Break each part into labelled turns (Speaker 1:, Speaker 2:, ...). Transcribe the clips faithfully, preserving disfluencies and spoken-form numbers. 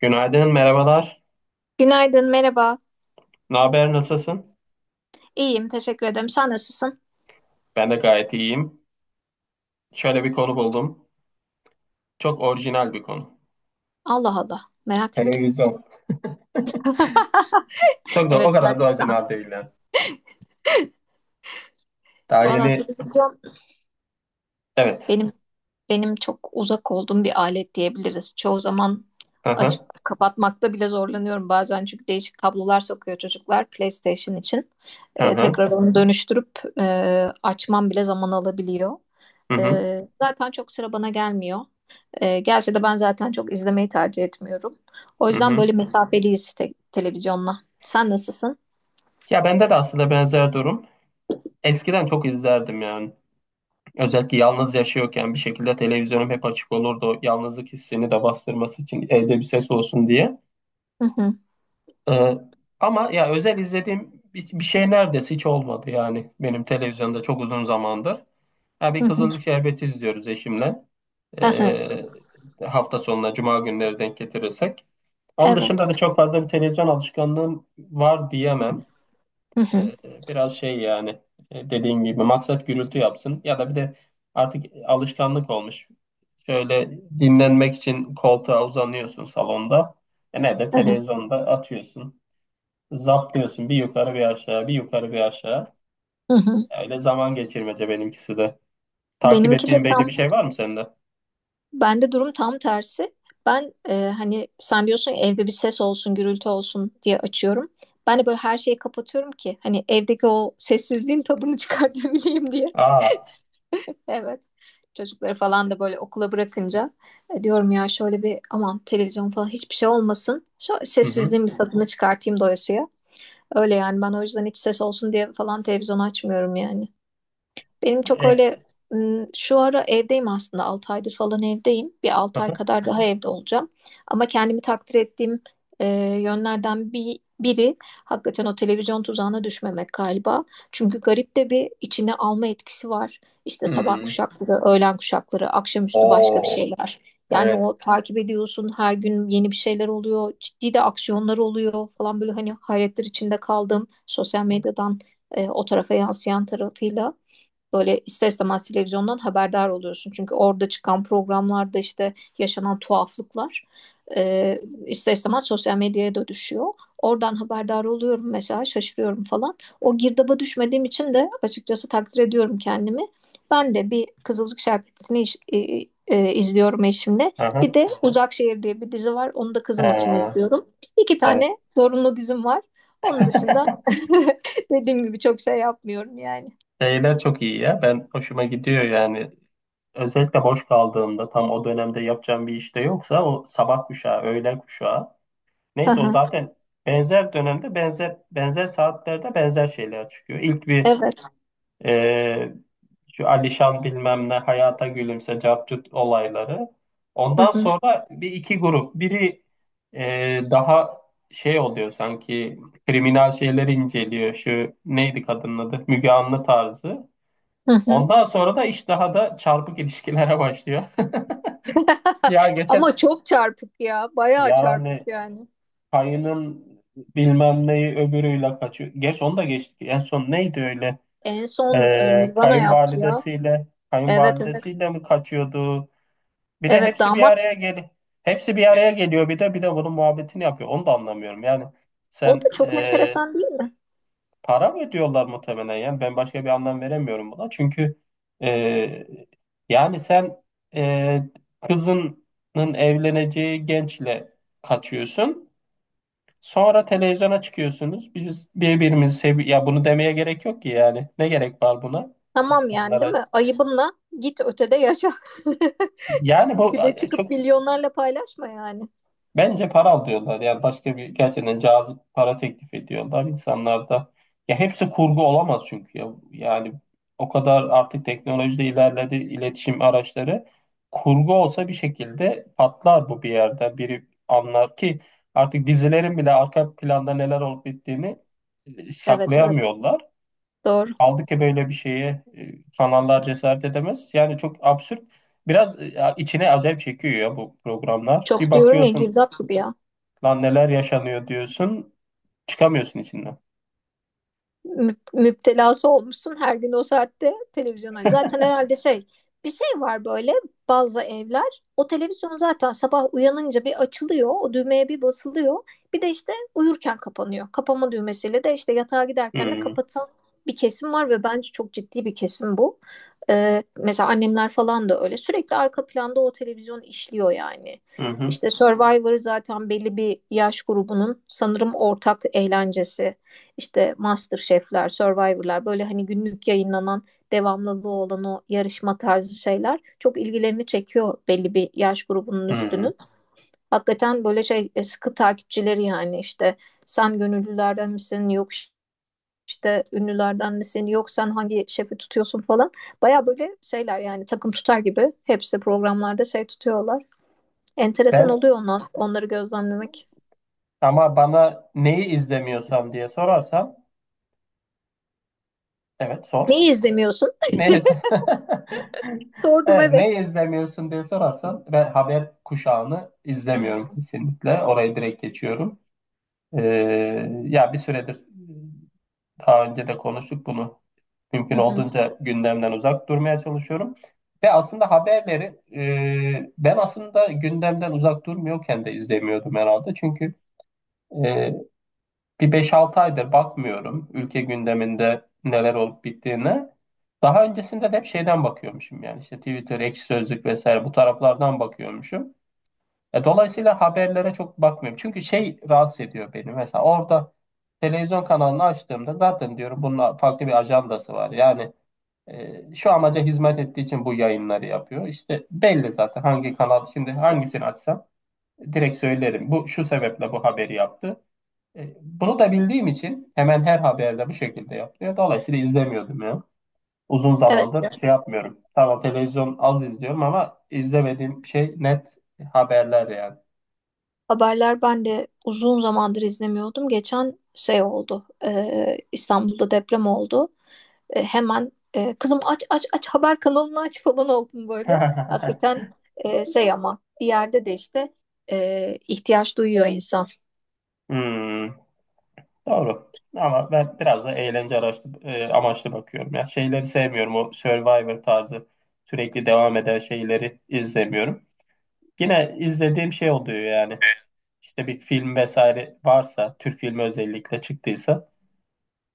Speaker 1: Günaydın, merhabalar.
Speaker 2: Günaydın, merhaba.
Speaker 1: Ne haber, nasılsın?
Speaker 2: İyiyim, teşekkür ederim. Sen nasılsın?
Speaker 1: Ben de gayet iyiyim. Şöyle bir konu buldum. Çok orijinal bir konu.
Speaker 2: Allah Allah, merak ettim.
Speaker 1: Televizyon. Çok da o
Speaker 2: Evet,
Speaker 1: kadar da
Speaker 2: gerçekten.
Speaker 1: orijinal değil yani. Daha
Speaker 2: Valla
Speaker 1: yeni...
Speaker 2: televizyon
Speaker 1: Evet.
Speaker 2: benim benim çok uzak olduğum bir alet diyebiliriz. Çoğu zaman
Speaker 1: Hı
Speaker 2: açıp
Speaker 1: hı.
Speaker 2: kapatmakta bile zorlanıyorum bazen çünkü değişik kablolar sokuyor çocuklar PlayStation için.
Speaker 1: Hı
Speaker 2: Ee,
Speaker 1: hı.
Speaker 2: tekrar onu dönüştürüp e, açmam bile zaman alabiliyor.
Speaker 1: Hı hı.
Speaker 2: Ee, zaten çok sıra bana gelmiyor. E, gerçi de ben zaten çok izlemeyi tercih etmiyorum. O
Speaker 1: Hı
Speaker 2: yüzden
Speaker 1: hı.
Speaker 2: böyle mesafeliyiz te- televizyonla. Sen nasılsın?
Speaker 1: Ya bende de aslında benzer durum. Eskiden çok izlerdim yani. Özellikle yalnız yaşıyorken bir şekilde televizyonum hep açık olurdu. Yalnızlık hissini de bastırması için evde bir ses olsun diye.
Speaker 2: Hı hı,
Speaker 1: Ee, Ama ya özel izlediğim bir, bir şey neredeyse hiç olmadı yani benim televizyonda çok uzun zamandır. Ya bir
Speaker 2: hı hı,
Speaker 1: Kızılcık Şerbeti izliyoruz eşimle.
Speaker 2: hı hı.
Speaker 1: Ee, Hafta sonuna cuma günleri denk getirirsek. Onun
Speaker 2: Evet.
Speaker 1: dışında da çok fazla bir televizyon alışkanlığım var diyemem.
Speaker 2: Hı hı,
Speaker 1: Ee, Biraz şey yani, e, dediğim gibi maksat gürültü yapsın, ya da bir de artık alışkanlık olmuş. Şöyle, dinlenmek için koltuğa uzanıyorsun salonda. E ne de
Speaker 2: hı hı,
Speaker 1: televizyonda atıyorsun. Zaplıyorsun bir yukarı bir aşağı, bir yukarı bir aşağı.
Speaker 2: hı hı.
Speaker 1: Öyle zaman geçirmece benimkisi de. Takip
Speaker 2: Benimki de
Speaker 1: ettiğin belli bir
Speaker 2: tam,
Speaker 1: şey var mı sende?
Speaker 2: Bende durum tam tersi. Ben e, hani sen diyorsun ya, evde bir ses olsun, gürültü olsun diye açıyorum. Ben de böyle her şeyi kapatıyorum ki hani evdeki o sessizliğin tadını çıkartabileyim diye.
Speaker 1: Aa.
Speaker 2: Evet. Çocukları falan da böyle okula bırakınca e, diyorum ya şöyle bir aman televizyon falan hiçbir şey olmasın. Şu
Speaker 1: Hı hı.
Speaker 2: sessizliğin bir tadını çıkartayım doyasıya. Öyle yani ben o yüzden hiç ses olsun diye falan televizyon açmıyorum yani. Benim çok
Speaker 1: E,
Speaker 2: öyle ım, şu ara evdeyim aslında altı aydır falan evdeyim. Bir
Speaker 1: hı
Speaker 2: altı
Speaker 1: hı.
Speaker 2: ay kadar daha evde olacağım. Ama kendimi takdir ettiğim e, yönlerden bir biri hakikaten o televizyon tuzağına düşmemek galiba. Çünkü garip de bir içine alma etkisi var. İşte sabah
Speaker 1: Hmm.
Speaker 2: kuşakları, öğlen kuşakları, akşamüstü başka bir
Speaker 1: Oo.
Speaker 2: şeyler. Yani
Speaker 1: Evet.
Speaker 2: o takip ediyorsun her gün yeni bir şeyler oluyor. Ciddi de aksiyonlar oluyor falan böyle hani hayretler içinde kaldım. Sosyal medyadan e, o tarafa yansıyan tarafıyla böyle ister istemez televizyondan haberdar oluyorsun. Çünkü orada çıkan programlarda işte yaşanan tuhaflıklar e, ister istemez sosyal medyaya da düşüyor. Oradan haberdar oluyorum mesela şaşırıyorum falan. O girdaba düşmediğim için de açıkçası takdir ediyorum kendimi. Ben de bir Kızılcık Şerbeti'ni iş- e, e, izliyorum eşimle.
Speaker 1: Hı
Speaker 2: Bir
Speaker 1: hı.
Speaker 2: de Uzak Şehir diye bir dizi var. Onu da kızım için
Speaker 1: Ha,
Speaker 2: izliyorum. İki
Speaker 1: evet.
Speaker 2: tane zorunlu dizim var. Onun dışında dediğim gibi çok şey yapmıyorum yani.
Speaker 1: Şeyler çok iyi ya. Ben hoşuma gidiyor yani. Özellikle boş kaldığımda tam o dönemde yapacağım bir işte yoksa o sabah kuşağı, öğlen kuşağı. Neyse, o zaten benzer dönemde benzer benzer saatlerde benzer şeyler çıkıyor. İlk bir...
Speaker 2: Evet.
Speaker 1: Ee, Şu Alişan bilmem ne hayata gülümse capcut olayları.
Speaker 2: Hı
Speaker 1: Ondan
Speaker 2: hı.
Speaker 1: sonra bir iki grup. Biri e, daha şey oluyor sanki, kriminal şeyleri inceliyor. Şu neydi kadının adı? Müge Anlı tarzı.
Speaker 2: Hı hı.
Speaker 1: Ondan sonra da iş daha da çarpık ilişkilere başlıyor. Ya geçen,
Speaker 2: Ama çok çarpık ya. Bayağı çarpık
Speaker 1: yani
Speaker 2: yani.
Speaker 1: Kayı'nın bilmem neyi öbürüyle kaçıyor. Gerçi onu da geçtik. En son neydi öyle?
Speaker 2: En son e,
Speaker 1: Ee,
Speaker 2: Nirvana yaptı ya.
Speaker 1: kayınvalidesiyle,
Speaker 2: Evet, evet.
Speaker 1: kayınvalidesiyle mi kaçıyordu? Bir de
Speaker 2: Evet,
Speaker 1: hepsi bir araya
Speaker 2: damat.
Speaker 1: gel Hepsi bir araya geliyor, bir de bir de bunun muhabbetini yapıyor. Onu da anlamıyorum. Yani
Speaker 2: O da
Speaker 1: sen,
Speaker 2: çok
Speaker 1: e,
Speaker 2: enteresan değil mi?
Speaker 1: para mı ödüyorlar muhtemelen, yani ben başka bir anlam veremiyorum buna. Çünkü, e, yani sen, e, kızının evleneceği gençle kaçıyorsun. Sonra televizyona çıkıyorsunuz. Biz birbirimizi sevi... Ya bunu demeye gerek yok ki yani. Ne gerek var buna?
Speaker 2: Tamam yani, değil
Speaker 1: İnsanlara
Speaker 2: mi? Ayıbınla git ötede yaşa.
Speaker 1: Yani bu,
Speaker 2: Bir de
Speaker 1: e,
Speaker 2: çıkıp
Speaker 1: çok,
Speaker 2: milyonlarla paylaşma yani.
Speaker 1: bence para alıyorlar. Yani başka bir, gerçekten cazip para teklif ediyorlar. İnsanlar da... Ya hepsi kurgu olamaz çünkü ya. Yani o kadar artık teknolojide ilerledi iletişim araçları. Kurgu olsa bir şekilde patlar bu bir yerde. Biri anlar ki artık dizilerin bile arka planda neler olup bittiğini e,
Speaker 2: Evet, evet.
Speaker 1: saklayamıyorlar.
Speaker 2: Doğru.
Speaker 1: Kaldı ki böyle bir şeye e, kanallar cesaret edemez. Yani çok absürt. Biraz e, içine acayip çekiyor ya bu programlar. Bir
Speaker 2: Çok diyorum ya,
Speaker 1: bakıyorsun
Speaker 2: girdap gibi ya.
Speaker 1: lan neler yaşanıyor diyorsun. Çıkamıyorsun içinden.
Speaker 2: mü- müptelası olmuşsun her gün o saatte televizyona. Zaten herhalde şey, bir şey var böyle, bazı evler o televizyon zaten sabah uyanınca bir açılıyor, o düğmeye bir basılıyor, bir de işte uyurken kapanıyor. Kapama düğmesiyle de işte yatağa giderken de
Speaker 1: Hı
Speaker 2: kapatan bir kesim var ve bence çok ciddi bir kesim bu. Ee, mesela annemler falan da öyle, sürekli arka planda o televizyon işliyor yani.
Speaker 1: hı hı.
Speaker 2: İşte Survivor zaten belli bir yaş grubunun sanırım ortak eğlencesi, işte MasterChef'ler, Survivor'lar, böyle hani günlük yayınlanan, devamlılığı olan o yarışma tarzı şeyler çok ilgilerini çekiyor belli bir yaş grubunun
Speaker 1: Hı.
Speaker 2: üstünün. Hakikaten böyle şey, e, sıkı takipçileri yani, işte sen gönüllülerden misin, yok işte ünlülerden misin, yok sen hangi şefi tutuyorsun falan. Baya böyle şeyler yani, takım tutar gibi hepsi programlarda şey tutuyorlar. Enteresan
Speaker 1: Ben,
Speaker 2: oluyor onlar, onları gözlemlemek.
Speaker 1: ama bana neyi izlemiyorsam diye sorarsan, evet sor.
Speaker 2: Neyi izlemiyorsun?
Speaker 1: Neyi iz-
Speaker 2: Sordum,
Speaker 1: Evet, neyi
Speaker 2: evet.
Speaker 1: izlemiyorsun diye sorarsan, ben haber kuşağını
Speaker 2: Hmm.
Speaker 1: izlemiyorum kesinlikle. Orayı direkt geçiyorum. Ee, Ya bir süredir, daha önce de konuştuk bunu, mümkün
Speaker 2: Hı hı.
Speaker 1: olduğunca gündemden uzak durmaya çalışıyorum. Ve aslında haberleri, e, ben aslında gündemden uzak durmuyorken de izlemiyordum herhalde. Çünkü, e, bir beş altı aydır bakmıyorum ülke gündeminde neler olup bittiğine. Daha öncesinde de hep şeyden bakıyormuşum, yani işte Twitter, Ekşi Sözlük vesaire, bu taraflardan bakıyormuşum. Ya dolayısıyla haberlere çok bakmıyorum. Çünkü şey, rahatsız ediyor beni. Mesela orada televizyon kanalını açtığımda zaten diyorum bunun farklı bir ajandası var. Yani, e, şu amaca hizmet ettiği için bu yayınları yapıyor. İşte belli zaten hangi kanal, şimdi hangisini açsam direkt söylerim. Bu şu sebeple bu haberi yaptı. E, bunu da bildiğim için hemen her haberde bu şekilde yapıyor. Dolayısıyla izlemiyordum ya. Uzun
Speaker 2: Evet.
Speaker 1: zamandır şey yapmıyorum. Tamam, televizyon az izliyorum ama izlemediğim şey net, haberler yani.
Speaker 2: Haberler ben de uzun zamandır izlemiyordum. Geçen şey oldu. e, İstanbul'da deprem oldu. E, hemen e, kızım, aç aç aç haber kanalını aç falan oldum böyle. Hakikaten e, şey, ama bir yerde de işte e, ihtiyaç duyuyor insan.
Speaker 1: Hmm, doğru. Ama ben biraz da eğlence araçlı, e, amaçlı bakıyorum. Ya şeyleri sevmiyorum. O Survivor tarzı sürekli devam eden şeyleri izlemiyorum. Yine izlediğim şey oluyor yani. İşte bir film vesaire varsa, Türk filmi özellikle çıktıysa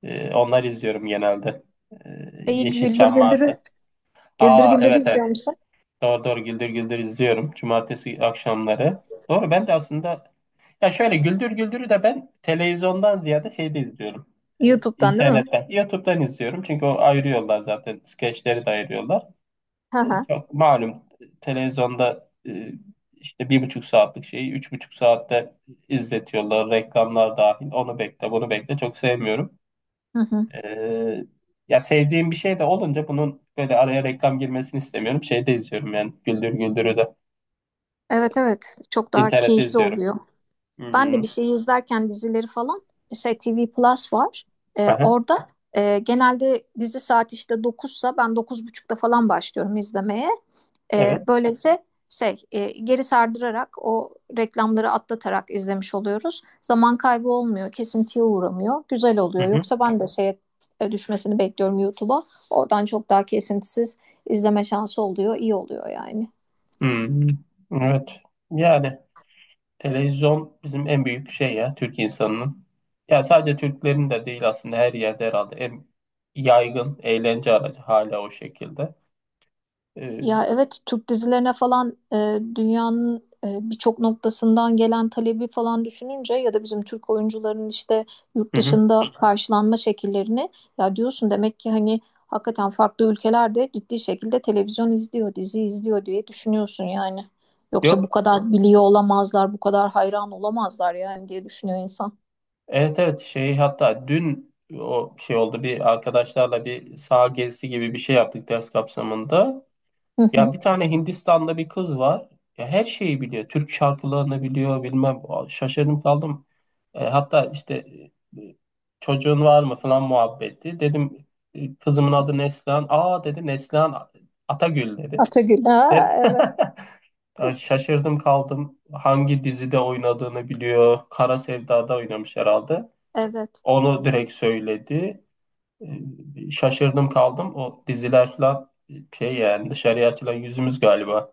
Speaker 1: e, onları izliyorum genelde. E,
Speaker 2: Şeyi güldür
Speaker 1: Yeşilçam
Speaker 2: güldürü
Speaker 1: varsa.
Speaker 2: güldür
Speaker 1: Aa,
Speaker 2: güldürü
Speaker 1: evet
Speaker 2: izliyor
Speaker 1: evet.
Speaker 2: musun?
Speaker 1: Doğru doğru, Güldür Güldür izliyorum. Cumartesi akşamları. Doğru, ben de aslında... Ya şöyle, Güldür Güldür'ü de ben televizyondan ziyade şeyde izliyorum. Ee,
Speaker 2: YouTube'dan değil mi?
Speaker 1: internetten, YouTube'dan izliyorum. Çünkü o ayırıyorlar zaten. Skeçleri de ayırıyorlar. Ee, çok malum, televizyonda e, işte bir buçuk saatlik şeyi üç buçuk saatte izletiyorlar. Reklamlar dahil. Onu bekle, bunu bekle. Çok sevmiyorum.
Speaker 2: Hı hı.
Speaker 1: Ee, Ya sevdiğim bir şey de olunca bunun böyle araya reklam girmesini istemiyorum. Şeyde izliyorum yani. Güldür Güldür'ü de
Speaker 2: Evet, evet, çok daha
Speaker 1: internette
Speaker 2: keyifli
Speaker 1: izliyorum.
Speaker 2: oluyor. Ben de bir
Speaker 1: Hmm.
Speaker 2: şey izlerken dizileri falan, şey T V Plus var. Ee,
Speaker 1: Aha,
Speaker 2: orada e, genelde dizi saat işte dokuzsa, ben dokuz buçukta falan başlıyorum izlemeye. Ee,
Speaker 1: evet.
Speaker 2: böylece şey, e, geri sardırarak, o reklamları atlatarak izlemiş oluyoruz. Zaman kaybı olmuyor, kesintiye uğramıyor. Güzel oluyor.
Speaker 1: Hı.
Speaker 2: Yoksa ben de şeye e, düşmesini bekliyorum YouTube'a. Oradan çok daha kesintisiz izleme şansı oluyor. İyi oluyor yani.
Speaker 1: Hmm, evet. Yani televizyon bizim en büyük şey ya, Türk insanının. Ya sadece Türklerin de değil aslında, her yerde herhalde en yaygın eğlence aracı hala o şekilde. Ee,
Speaker 2: Ya evet, Türk dizilerine falan e, dünyanın e, birçok noktasından gelen talebi falan düşününce, ya da bizim Türk oyuncuların işte yurt
Speaker 1: hı hı.
Speaker 2: dışında karşılanma şekillerini, ya diyorsun, demek ki hani hakikaten farklı ülkelerde ciddi şekilde televizyon izliyor, dizi izliyor diye düşünüyorsun yani. Yoksa bu
Speaker 1: Yok,
Speaker 2: kadar biliyor olamazlar, bu kadar hayran olamazlar yani diye düşünüyor insan.
Speaker 1: evet evet, şey, hatta dün o şey oldu, bir arkadaşlarla bir saha gezisi gibi bir şey yaptık ders kapsamında.
Speaker 2: Hı hı.
Speaker 1: Ya bir tane Hindistan'da bir kız var. Ya her şeyi biliyor. Türk şarkılarını biliyor, bilmem. Şaşırdım kaldım. E, hatta işte e, çocuğun var mı falan muhabbeti. Dedim e, kızımın adı Neslihan. Aa, dedi, Neslihan Atagül, dedi.
Speaker 2: Atagül. Ha,
Speaker 1: Dedim,
Speaker 2: evet.
Speaker 1: ya şaşırdım kaldım. Hangi dizide oynadığını biliyor. Kara Sevda'da oynamış herhalde.
Speaker 2: Evet.
Speaker 1: Onu direkt söyledi. E, şaşırdım kaldım. O diziler falan, şey yani dışarıya açılan yüzümüz galiba.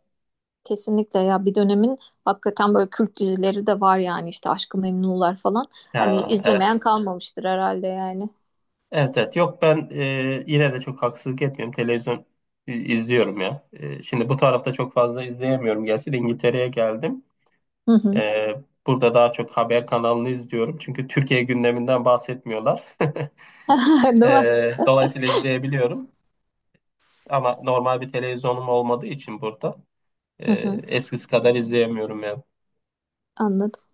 Speaker 2: Kesinlikle ya, bir dönemin hakikaten böyle kült dizileri de var yani, işte Aşk-ı Memnu'lar falan. Hani
Speaker 1: Ha, evet.
Speaker 2: izlemeyen kalmamıştır herhalde yani.
Speaker 1: Evet evet. Yok ben, e, yine de çok haksızlık etmiyorum. Televizyon i- izliyorum ya. E, şimdi bu tarafta çok fazla izleyemiyorum. Gerçi de İngiltere'ye geldim.
Speaker 2: Hı hı.
Speaker 1: E, Burada daha çok haber kanalını izliyorum. Çünkü Türkiye gündeminden bahsetmiyorlar.
Speaker 2: Değil mi?
Speaker 1: E, dolayısıyla izleyebiliyorum. Ama normal bir televizyonum olmadığı için burada e,
Speaker 2: Hı hı.
Speaker 1: eskisi kadar izleyemiyorum.
Speaker 2: Anladım.